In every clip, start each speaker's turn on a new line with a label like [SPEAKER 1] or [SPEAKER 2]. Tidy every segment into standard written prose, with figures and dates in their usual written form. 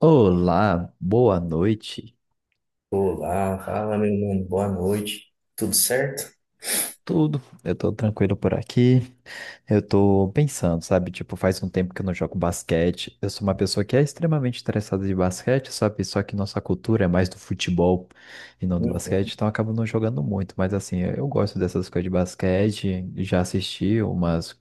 [SPEAKER 1] Olá, boa noite.
[SPEAKER 2] Olá, fala meu mano, boa noite. Tudo certo?
[SPEAKER 1] Tudo, eu tô tranquilo por aqui. Eu tô pensando, sabe? Tipo, faz um tempo que eu não jogo basquete. Eu sou uma pessoa que é extremamente interessada de basquete, sabe? Só que nossa cultura é mais do futebol e não do basquete,
[SPEAKER 2] Uhum.
[SPEAKER 1] então eu acabo não jogando muito. Mas assim, eu gosto dessas coisas de basquete. Já assisti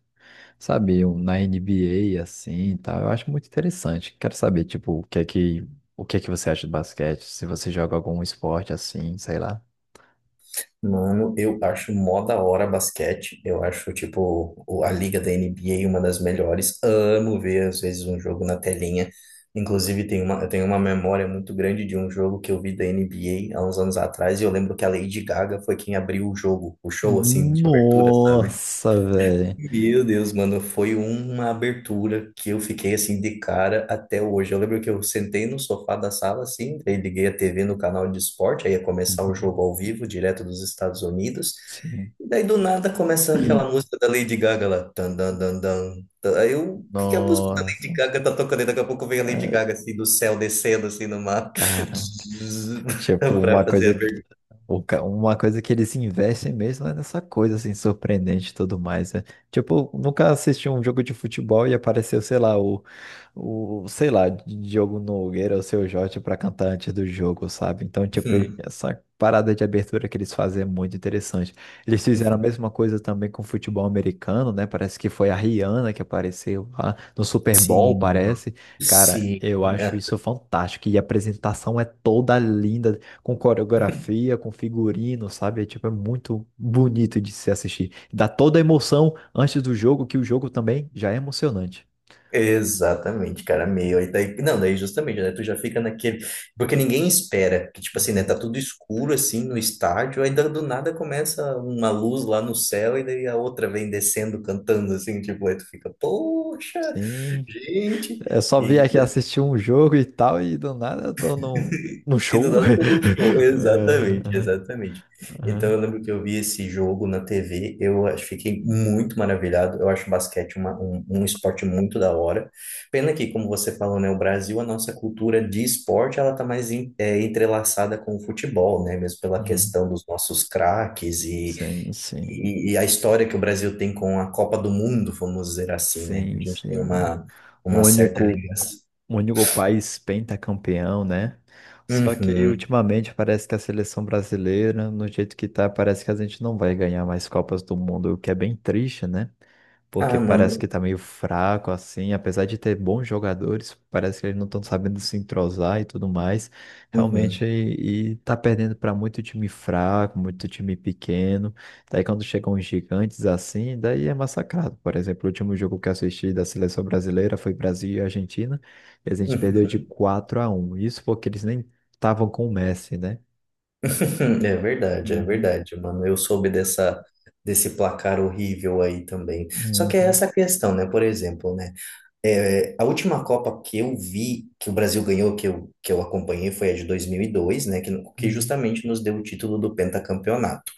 [SPEAKER 1] sabe, um na NBA assim e tal. Eu acho muito interessante. Quero saber, tipo, o que é que você acha de basquete? Se você joga algum esporte assim, sei lá.
[SPEAKER 2] Mano, eu acho mó da hora basquete. Eu acho, tipo, a liga da NBA uma das melhores. Amo ver, às vezes, um jogo na telinha. Inclusive, eu tenho uma memória muito grande de um jogo que eu vi da NBA há uns anos atrás. E eu lembro que a Lady Gaga foi quem abriu o jogo, o show, assim, de abertura, sabe?
[SPEAKER 1] Nossa, velho.
[SPEAKER 2] Meu Deus, mano, foi uma abertura que eu fiquei assim de cara até hoje. Eu lembro que eu sentei no sofá da sala assim, aí liguei a TV no canal de esporte, aí ia começar o
[SPEAKER 1] Uhum.
[SPEAKER 2] jogo ao vivo, direto dos Estados Unidos.
[SPEAKER 1] Sim.
[SPEAKER 2] E daí do nada começa aquela música da Lady Gaga lá. Tan, dan, dan, dan. Tan. Aí eu, o que que é a música da Lady
[SPEAKER 1] Nossa.
[SPEAKER 2] Gaga tá tocando? E daqui a pouco vem a Lady
[SPEAKER 1] Ah,
[SPEAKER 2] Gaga assim do céu descendo assim no mar
[SPEAKER 1] caramba. Tipo,
[SPEAKER 2] pra
[SPEAKER 1] uma
[SPEAKER 2] fazer a
[SPEAKER 1] coisa.
[SPEAKER 2] abertura.
[SPEAKER 1] Uma coisa que eles investem mesmo é nessa coisa, assim, surpreendente e tudo mais, né? Tipo, nunca assisti um jogo de futebol e apareceu, sei lá, o sei lá, Diogo Nogueira ou Seu Jorge pra cantar antes do jogo, sabe? Então, tipo,
[SPEAKER 2] Hum.
[SPEAKER 1] essa parada de abertura que eles fazem é muito interessante. Eles fizeram a mesma coisa também com o futebol americano, né? Parece que foi a Rihanna que apareceu lá no Super Bowl,
[SPEAKER 2] Sim,
[SPEAKER 1] parece. Cara, eu
[SPEAKER 2] sim.
[SPEAKER 1] acho
[SPEAKER 2] Ah,
[SPEAKER 1] isso fantástico. E a apresentação é toda linda com coreografia, com figurino, sabe? É, tipo, é muito bonito de se assistir. Dá toda a emoção antes do jogo, que o jogo também já é emocionante.
[SPEAKER 2] exatamente, cara, meio. Aí daí, não, daí justamente, né? Tu já fica naquele. Porque ninguém espera, que tipo assim, né? Tá
[SPEAKER 1] Uhum.
[SPEAKER 2] tudo escuro assim no estádio, aí do nada começa uma luz lá no céu e daí a outra vem descendo cantando assim, tipo, aí tu fica, poxa,
[SPEAKER 1] Sim,
[SPEAKER 2] gente.
[SPEAKER 1] eu só vim
[SPEAKER 2] E
[SPEAKER 1] aqui assistir um jogo e tal, e do nada eu tô num
[SPEAKER 2] E do
[SPEAKER 1] show.
[SPEAKER 2] nada todo um show.
[SPEAKER 1] É,
[SPEAKER 2] Exatamente,
[SPEAKER 1] aham,
[SPEAKER 2] exatamente. Então
[SPEAKER 1] aham,
[SPEAKER 2] eu lembro que eu vi esse jogo na TV, fiquei muito maravilhado. Eu acho basquete um esporte muito da hora. Pena que, como você falou, né, o Brasil, a nossa cultura de esporte, ela tá mais entrelaçada com o futebol, né? Mesmo pela
[SPEAKER 1] uhum.
[SPEAKER 2] questão dos nossos craques
[SPEAKER 1] Sim, sim,
[SPEAKER 2] e a história que o Brasil tem com a Copa do Mundo, vamos dizer assim, né? A
[SPEAKER 1] sim,
[SPEAKER 2] gente tem
[SPEAKER 1] sim. O
[SPEAKER 2] uma certa
[SPEAKER 1] único
[SPEAKER 2] ligação.
[SPEAKER 1] O único país pentacampeão, né? Só que
[SPEAKER 2] Uhum.
[SPEAKER 1] ultimamente parece que a seleção brasileira, no jeito que tá, parece que a gente não vai ganhar mais Copas do Mundo, o que é bem triste, né? Porque
[SPEAKER 2] Ah,
[SPEAKER 1] parece que
[SPEAKER 2] mano.
[SPEAKER 1] tá meio fraco assim, apesar de ter bons jogadores, parece que eles não estão sabendo se entrosar e tudo mais. Realmente,
[SPEAKER 2] Uhum.
[SPEAKER 1] e tá perdendo para muito time fraco, muito time pequeno. Daí quando chegam os gigantes assim, daí é massacrado. Por exemplo, o último jogo que eu assisti da seleção brasileira foi Brasil e Argentina, e a gente perdeu de 4-1. Isso porque eles nem estavam com o Messi, né?
[SPEAKER 2] É verdade, é
[SPEAKER 1] Uhum,
[SPEAKER 2] verdade, mano. Eu soube desse placar horrível aí também. Só que é
[SPEAKER 1] uhum,
[SPEAKER 2] essa questão, né? Por exemplo, né? É, a última Copa que eu vi, que o Brasil ganhou, que eu acompanhei, foi a de 2002, né? Que
[SPEAKER 1] uhum.
[SPEAKER 2] justamente nos deu o título do pentacampeonato.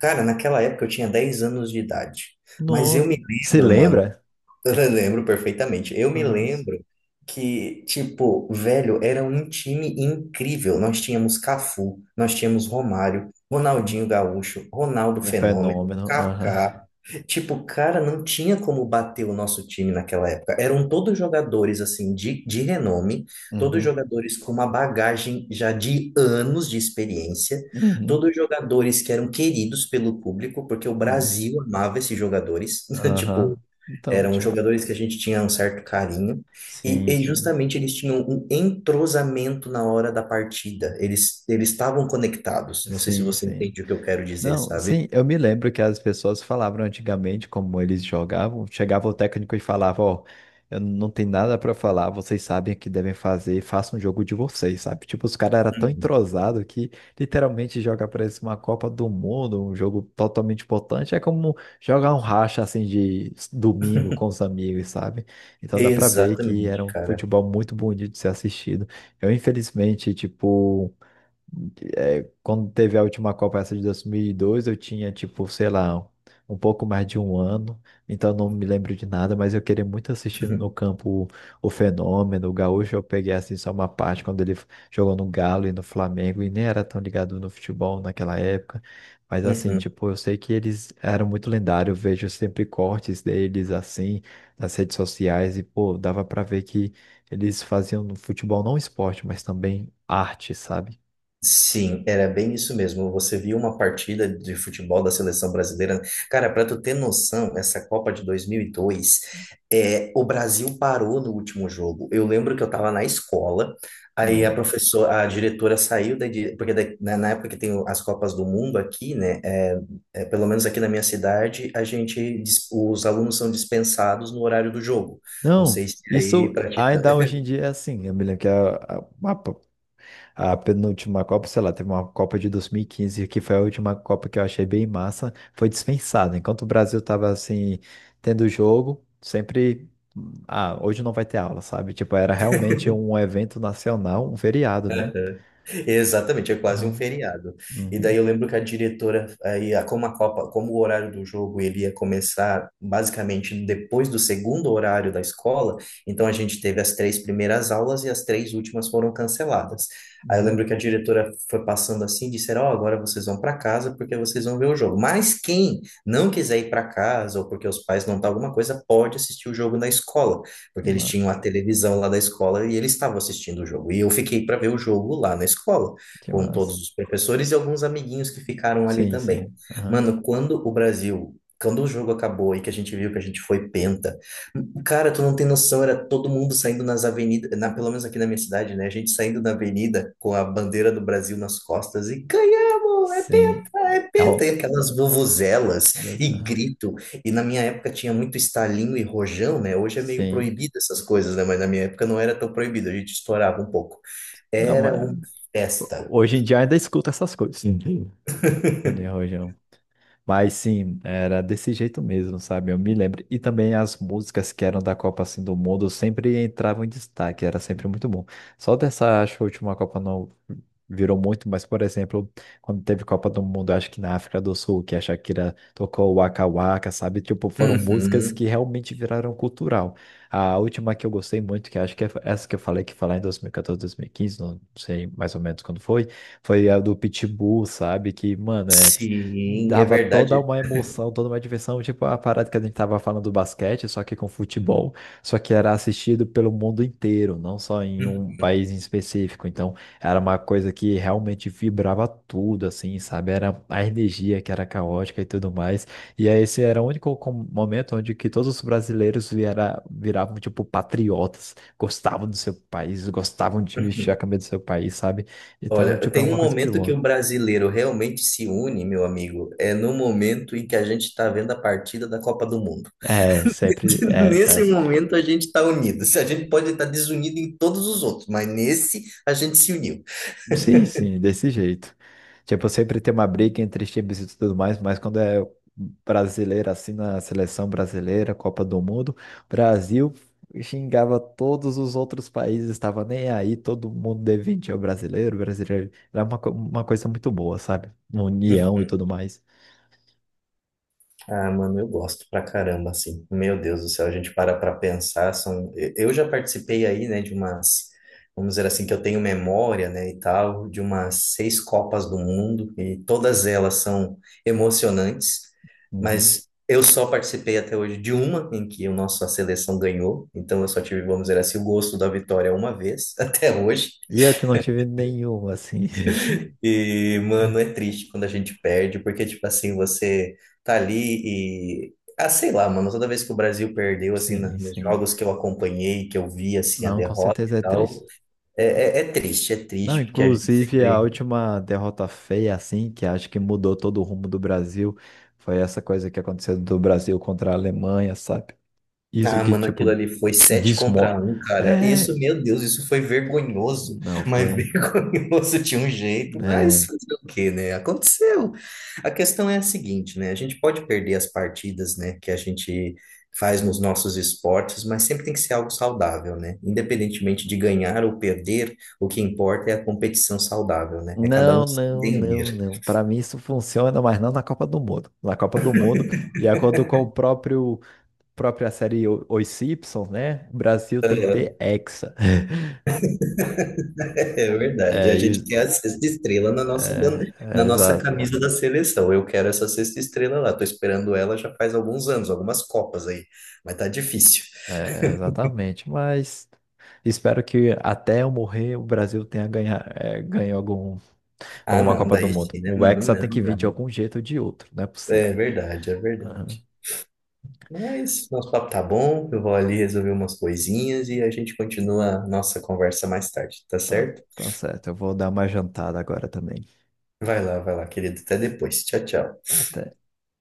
[SPEAKER 2] Cara, naquela época eu tinha 10 anos de idade. Mas eu
[SPEAKER 1] nossa.
[SPEAKER 2] me
[SPEAKER 1] Se
[SPEAKER 2] lembro, mano,
[SPEAKER 1] lembra?
[SPEAKER 2] eu lembro perfeitamente. Eu me
[SPEAKER 1] Nossa.
[SPEAKER 2] lembro que, tipo, velho, era um time incrível. Nós tínhamos Cafu, nós tínhamos Romário, Ronaldinho Gaúcho, Ronaldo
[SPEAKER 1] Um
[SPEAKER 2] Fenômeno,
[SPEAKER 1] fenômeno. Aham.
[SPEAKER 2] Kaká. Tipo, cara, não tinha como bater o nosso time naquela época. Eram todos jogadores, assim, de renome, todos
[SPEAKER 1] Uhum.
[SPEAKER 2] jogadores com uma bagagem já de anos de experiência,
[SPEAKER 1] Uhum.
[SPEAKER 2] todos jogadores que eram queridos pelo público, porque o
[SPEAKER 1] É.
[SPEAKER 2] Brasil amava esses jogadores. Tipo,
[SPEAKER 1] Aham. Então,
[SPEAKER 2] eram
[SPEAKER 1] tia.
[SPEAKER 2] jogadores que a gente tinha um certo carinho,
[SPEAKER 1] Sim,
[SPEAKER 2] e
[SPEAKER 1] sim.
[SPEAKER 2] justamente eles tinham um entrosamento na hora da partida. Eles estavam conectados. Não sei se
[SPEAKER 1] Sim,
[SPEAKER 2] você
[SPEAKER 1] sim.
[SPEAKER 2] entende o que eu quero dizer,
[SPEAKER 1] Não,
[SPEAKER 2] sabe?
[SPEAKER 1] sim, eu me lembro que as pessoas falavam antigamente como eles jogavam. Chegava o técnico e falava, ó, eu não tenho nada pra falar, vocês sabem o que devem fazer, façam um jogo de vocês, sabe? Tipo, os caras eram tão
[SPEAKER 2] Uhum.
[SPEAKER 1] entrosados que literalmente joga parece uma Copa do Mundo, um jogo totalmente importante. É como jogar um racha assim de domingo com os amigos, sabe? Então dá pra ver que era
[SPEAKER 2] Exatamente,
[SPEAKER 1] um
[SPEAKER 2] cara.
[SPEAKER 1] futebol muito bonito de ser assistido. Eu, infelizmente, tipo. É, quando teve a última Copa, essa de 2002 eu tinha, tipo, sei lá, um pouco mais de um ano, então não me lembro de nada, mas eu queria muito assistir no campo o Fenômeno, o Gaúcho. Eu peguei, assim, só uma parte quando ele jogou no Galo e no Flamengo, e nem era tão ligado no futebol naquela época, mas assim,
[SPEAKER 2] Uhum.
[SPEAKER 1] tipo, eu sei que eles eram muito lendários, eu vejo sempre cortes deles, assim, nas redes sociais, e, pô, dava pra ver que eles faziam no futebol não esporte, mas também arte, sabe?
[SPEAKER 2] Sim, era bem isso mesmo. Você viu uma partida de futebol da seleção brasileira. Cara, para tu ter noção, essa Copa de 2002, é, o Brasil parou no último jogo. Eu lembro que eu estava na escola, aí a
[SPEAKER 1] Não,
[SPEAKER 2] professora, a diretora saiu porque na época que tem as Copas do Mundo aqui, né? Pelo menos aqui na minha cidade, os alunos são dispensados no horário do jogo. Não
[SPEAKER 1] não,
[SPEAKER 2] sei se
[SPEAKER 1] isso
[SPEAKER 2] aí para ti.
[SPEAKER 1] ainda hoje em dia é assim. Eu me lembro que a a penúltima Copa, sei lá, teve uma Copa de 2015 que foi a última Copa que eu achei bem massa, foi dispensada. Enquanto o Brasil tava assim, tendo jogo, sempre. Ah, hoje não vai ter aula, sabe? Tipo, era realmente um evento nacional, um feriado, né?
[SPEAKER 2] Exatamente, é quase um
[SPEAKER 1] Aham,
[SPEAKER 2] feriado. E daí
[SPEAKER 1] uhum,
[SPEAKER 2] eu lembro que a diretora, como a Copa, como o horário do jogo ele ia começar basicamente depois do segundo horário da escola, então a gente teve as três primeiras aulas e as três últimas foram canceladas. Aí eu
[SPEAKER 1] uhum.
[SPEAKER 2] lembro que a diretora foi passando assim, disseram, ó, agora vocês vão para casa porque vocês vão ver o jogo. Mas quem não quiser ir para casa ou porque os pais não tá alguma coisa, pode assistir o jogo na escola
[SPEAKER 1] Que
[SPEAKER 2] porque eles
[SPEAKER 1] massa,
[SPEAKER 2] tinham a televisão lá da escola e eles estavam assistindo o jogo. E eu fiquei para ver o jogo lá na escola,
[SPEAKER 1] que
[SPEAKER 2] com
[SPEAKER 1] massa.
[SPEAKER 2] todos os professores e alguns amiguinhos que ficaram ali
[SPEAKER 1] Sim,
[SPEAKER 2] também.
[SPEAKER 1] sim. Aham,
[SPEAKER 2] Mano, quando o Brasil. Quando o jogo acabou e que a gente viu que a gente foi penta, cara, tu não tem noção, era todo mundo saindo nas avenidas, na, pelo menos aqui na minha cidade, né? A gente saindo na avenida com a bandeira do Brasil nas costas e ganhamos,
[SPEAKER 1] sim.
[SPEAKER 2] é
[SPEAKER 1] É
[SPEAKER 2] penta,
[SPEAKER 1] um-
[SPEAKER 2] e aquelas vuvuzelas
[SPEAKER 1] Deus,
[SPEAKER 2] e
[SPEAKER 1] aham,
[SPEAKER 2] grito. E na minha época tinha muito estalinho e rojão, né? Hoje é meio
[SPEAKER 1] sim.
[SPEAKER 2] proibido essas coisas, né? Mas na minha época não era tão proibido, a gente estourava um pouco.
[SPEAKER 1] Não,
[SPEAKER 2] Era
[SPEAKER 1] mas.
[SPEAKER 2] uma festa.
[SPEAKER 1] Hoje em dia ainda escuta essas coisas. Sim. Cadê o Rojão? Mas sim, era desse jeito mesmo, sabe? Eu me lembro. E também as músicas que eram da Copa assim do Mundo sempre entravam em destaque, era sempre muito bom. Só dessa, acho que a última Copa não virou muito, mas por exemplo, quando teve Copa do Mundo, acho que na África do Sul, que a Shakira tocou Waka Waka, sabe? Tipo, foram músicas
[SPEAKER 2] Uhum.
[SPEAKER 1] que realmente viraram cultural. A última que eu gostei muito, que acho que é essa que eu falei, que falar em dois mil e quatorze, 2015 não sei mais ou menos quando foi, foi a do Pitbull, sabe? Que, mano,
[SPEAKER 2] Sim, é
[SPEAKER 1] dava toda
[SPEAKER 2] verdade.
[SPEAKER 1] uma emoção, toda uma diversão, tipo a parada que a gente tava falando do basquete, só que com futebol, só que era assistido pelo mundo inteiro, não só em um país em específico. Então, era uma coisa que realmente vibrava tudo, assim, sabe? Era a energia que era caótica e tudo mais. E aí, esse era o único momento onde que todos os brasileiros viravam, tipo, patriotas, gostavam do seu país, gostavam de vestir a camisa do seu país, sabe? Então,
[SPEAKER 2] Olha,
[SPEAKER 1] tipo, é
[SPEAKER 2] tem um
[SPEAKER 1] uma coisa muito
[SPEAKER 2] momento que
[SPEAKER 1] boa.
[SPEAKER 2] o brasileiro realmente se une, meu amigo, é no momento em que a gente está vendo a partida da Copa do Mundo.
[SPEAKER 1] É, sempre é,
[SPEAKER 2] Nesse
[SPEAKER 1] é.
[SPEAKER 2] momento a gente está unido. Se a gente pode estar desunido em todos os outros, mas nesse a gente se uniu.
[SPEAKER 1] Sim, sim, desse jeito. Tipo, sempre tem uma briga entre os times e tudo mais, mas quando é brasileiro, assim, na seleção brasileira, Copa do Mundo, Brasil xingava todos os outros países, estava nem aí, todo mundo devente ao brasileiro, brasileiro. Era uma coisa muito boa, sabe? União e tudo mais.
[SPEAKER 2] Ah, mano, eu gosto pra caramba, assim. Meu Deus do céu, a gente para pra pensar, são... Eu já participei aí, né, de umas... Vamos dizer assim, que eu tenho memória, né, e tal, de umas 6 Copas do Mundo, e todas elas são emocionantes,
[SPEAKER 1] Uhum.
[SPEAKER 2] mas eu só participei até hoje de uma em que a nossa seleção ganhou, então eu só tive, vamos dizer assim, o gosto da vitória uma vez, até hoje.
[SPEAKER 1] E eu que não tive nenhum assim.
[SPEAKER 2] E, mano, é triste quando a gente perde, porque, tipo assim, você tá ali e. Ah, sei lá, mano, toda vez que o Brasil perdeu, assim,
[SPEAKER 1] Sim,
[SPEAKER 2] nos
[SPEAKER 1] sim.
[SPEAKER 2] jogos que eu acompanhei, que eu vi, assim, a
[SPEAKER 1] Não, com
[SPEAKER 2] derrota e
[SPEAKER 1] certeza é
[SPEAKER 2] tal,
[SPEAKER 1] triste.
[SPEAKER 2] é, é
[SPEAKER 1] Não,
[SPEAKER 2] triste, porque a gente
[SPEAKER 1] inclusive a
[SPEAKER 2] sempre.
[SPEAKER 1] última derrota feia, assim, que acho que mudou todo o rumo do Brasil, foi essa coisa que aconteceu do Brasil contra a Alemanha, sabe? Isso
[SPEAKER 2] Ah,
[SPEAKER 1] que,
[SPEAKER 2] mano, aquilo
[SPEAKER 1] tipo,
[SPEAKER 2] ali foi 7 contra
[SPEAKER 1] desmo...
[SPEAKER 2] um, cara.
[SPEAKER 1] É,
[SPEAKER 2] Isso, meu Deus, isso foi vergonhoso.
[SPEAKER 1] não
[SPEAKER 2] Mas
[SPEAKER 1] foi...
[SPEAKER 2] vergonhoso tinha um jeito, mas
[SPEAKER 1] é,
[SPEAKER 2] fazer o quê, né? Aconteceu. A questão é a seguinte, né? A gente pode perder as partidas, né, que a gente faz nos nossos esportes, mas sempre tem que ser algo saudável, né? Independentemente de ganhar ou perder, o que importa é a competição saudável, né? É cada
[SPEAKER 1] não,
[SPEAKER 2] um se
[SPEAKER 1] não, não,
[SPEAKER 2] entender.
[SPEAKER 1] não. Para mim isso funciona, mas não na Copa do Mundo. Na Copa do Mundo, de acordo com o próprio própria série Os Simpsons, né? O Brasil tem que ter
[SPEAKER 2] Ah,
[SPEAKER 1] hexa.
[SPEAKER 2] é verdade.
[SPEAKER 1] É,
[SPEAKER 2] A
[SPEAKER 1] e
[SPEAKER 2] gente quer a sexta estrela na nossa
[SPEAKER 1] é,
[SPEAKER 2] bandeira, na
[SPEAKER 1] é,
[SPEAKER 2] nossa
[SPEAKER 1] exato.
[SPEAKER 2] camisa da seleção. Eu quero essa sexta estrela lá. Tô esperando ela já faz alguns anos, algumas copas aí. Mas tá difícil.
[SPEAKER 1] É, exatamente, mas espero que até eu morrer o Brasil tenha ganho algum,
[SPEAKER 2] Ah,
[SPEAKER 1] alguma
[SPEAKER 2] não,
[SPEAKER 1] Copa do
[SPEAKER 2] daí
[SPEAKER 1] Mundo.
[SPEAKER 2] sim, né,
[SPEAKER 1] O
[SPEAKER 2] mano?
[SPEAKER 1] Hexa tem
[SPEAKER 2] Não,
[SPEAKER 1] que vir de
[SPEAKER 2] não.
[SPEAKER 1] algum jeito ou de outro, não é
[SPEAKER 2] É
[SPEAKER 1] possível.
[SPEAKER 2] verdade, é
[SPEAKER 1] Aham.
[SPEAKER 2] verdade. Mas nosso papo tá bom. Eu vou ali resolver umas coisinhas e a gente continua a nossa conversa mais tarde, tá
[SPEAKER 1] Tá,
[SPEAKER 2] certo?
[SPEAKER 1] tá certo, eu vou dar uma jantada agora também.
[SPEAKER 2] Vai lá, querido. Até depois. Tchau, tchau.
[SPEAKER 1] Até.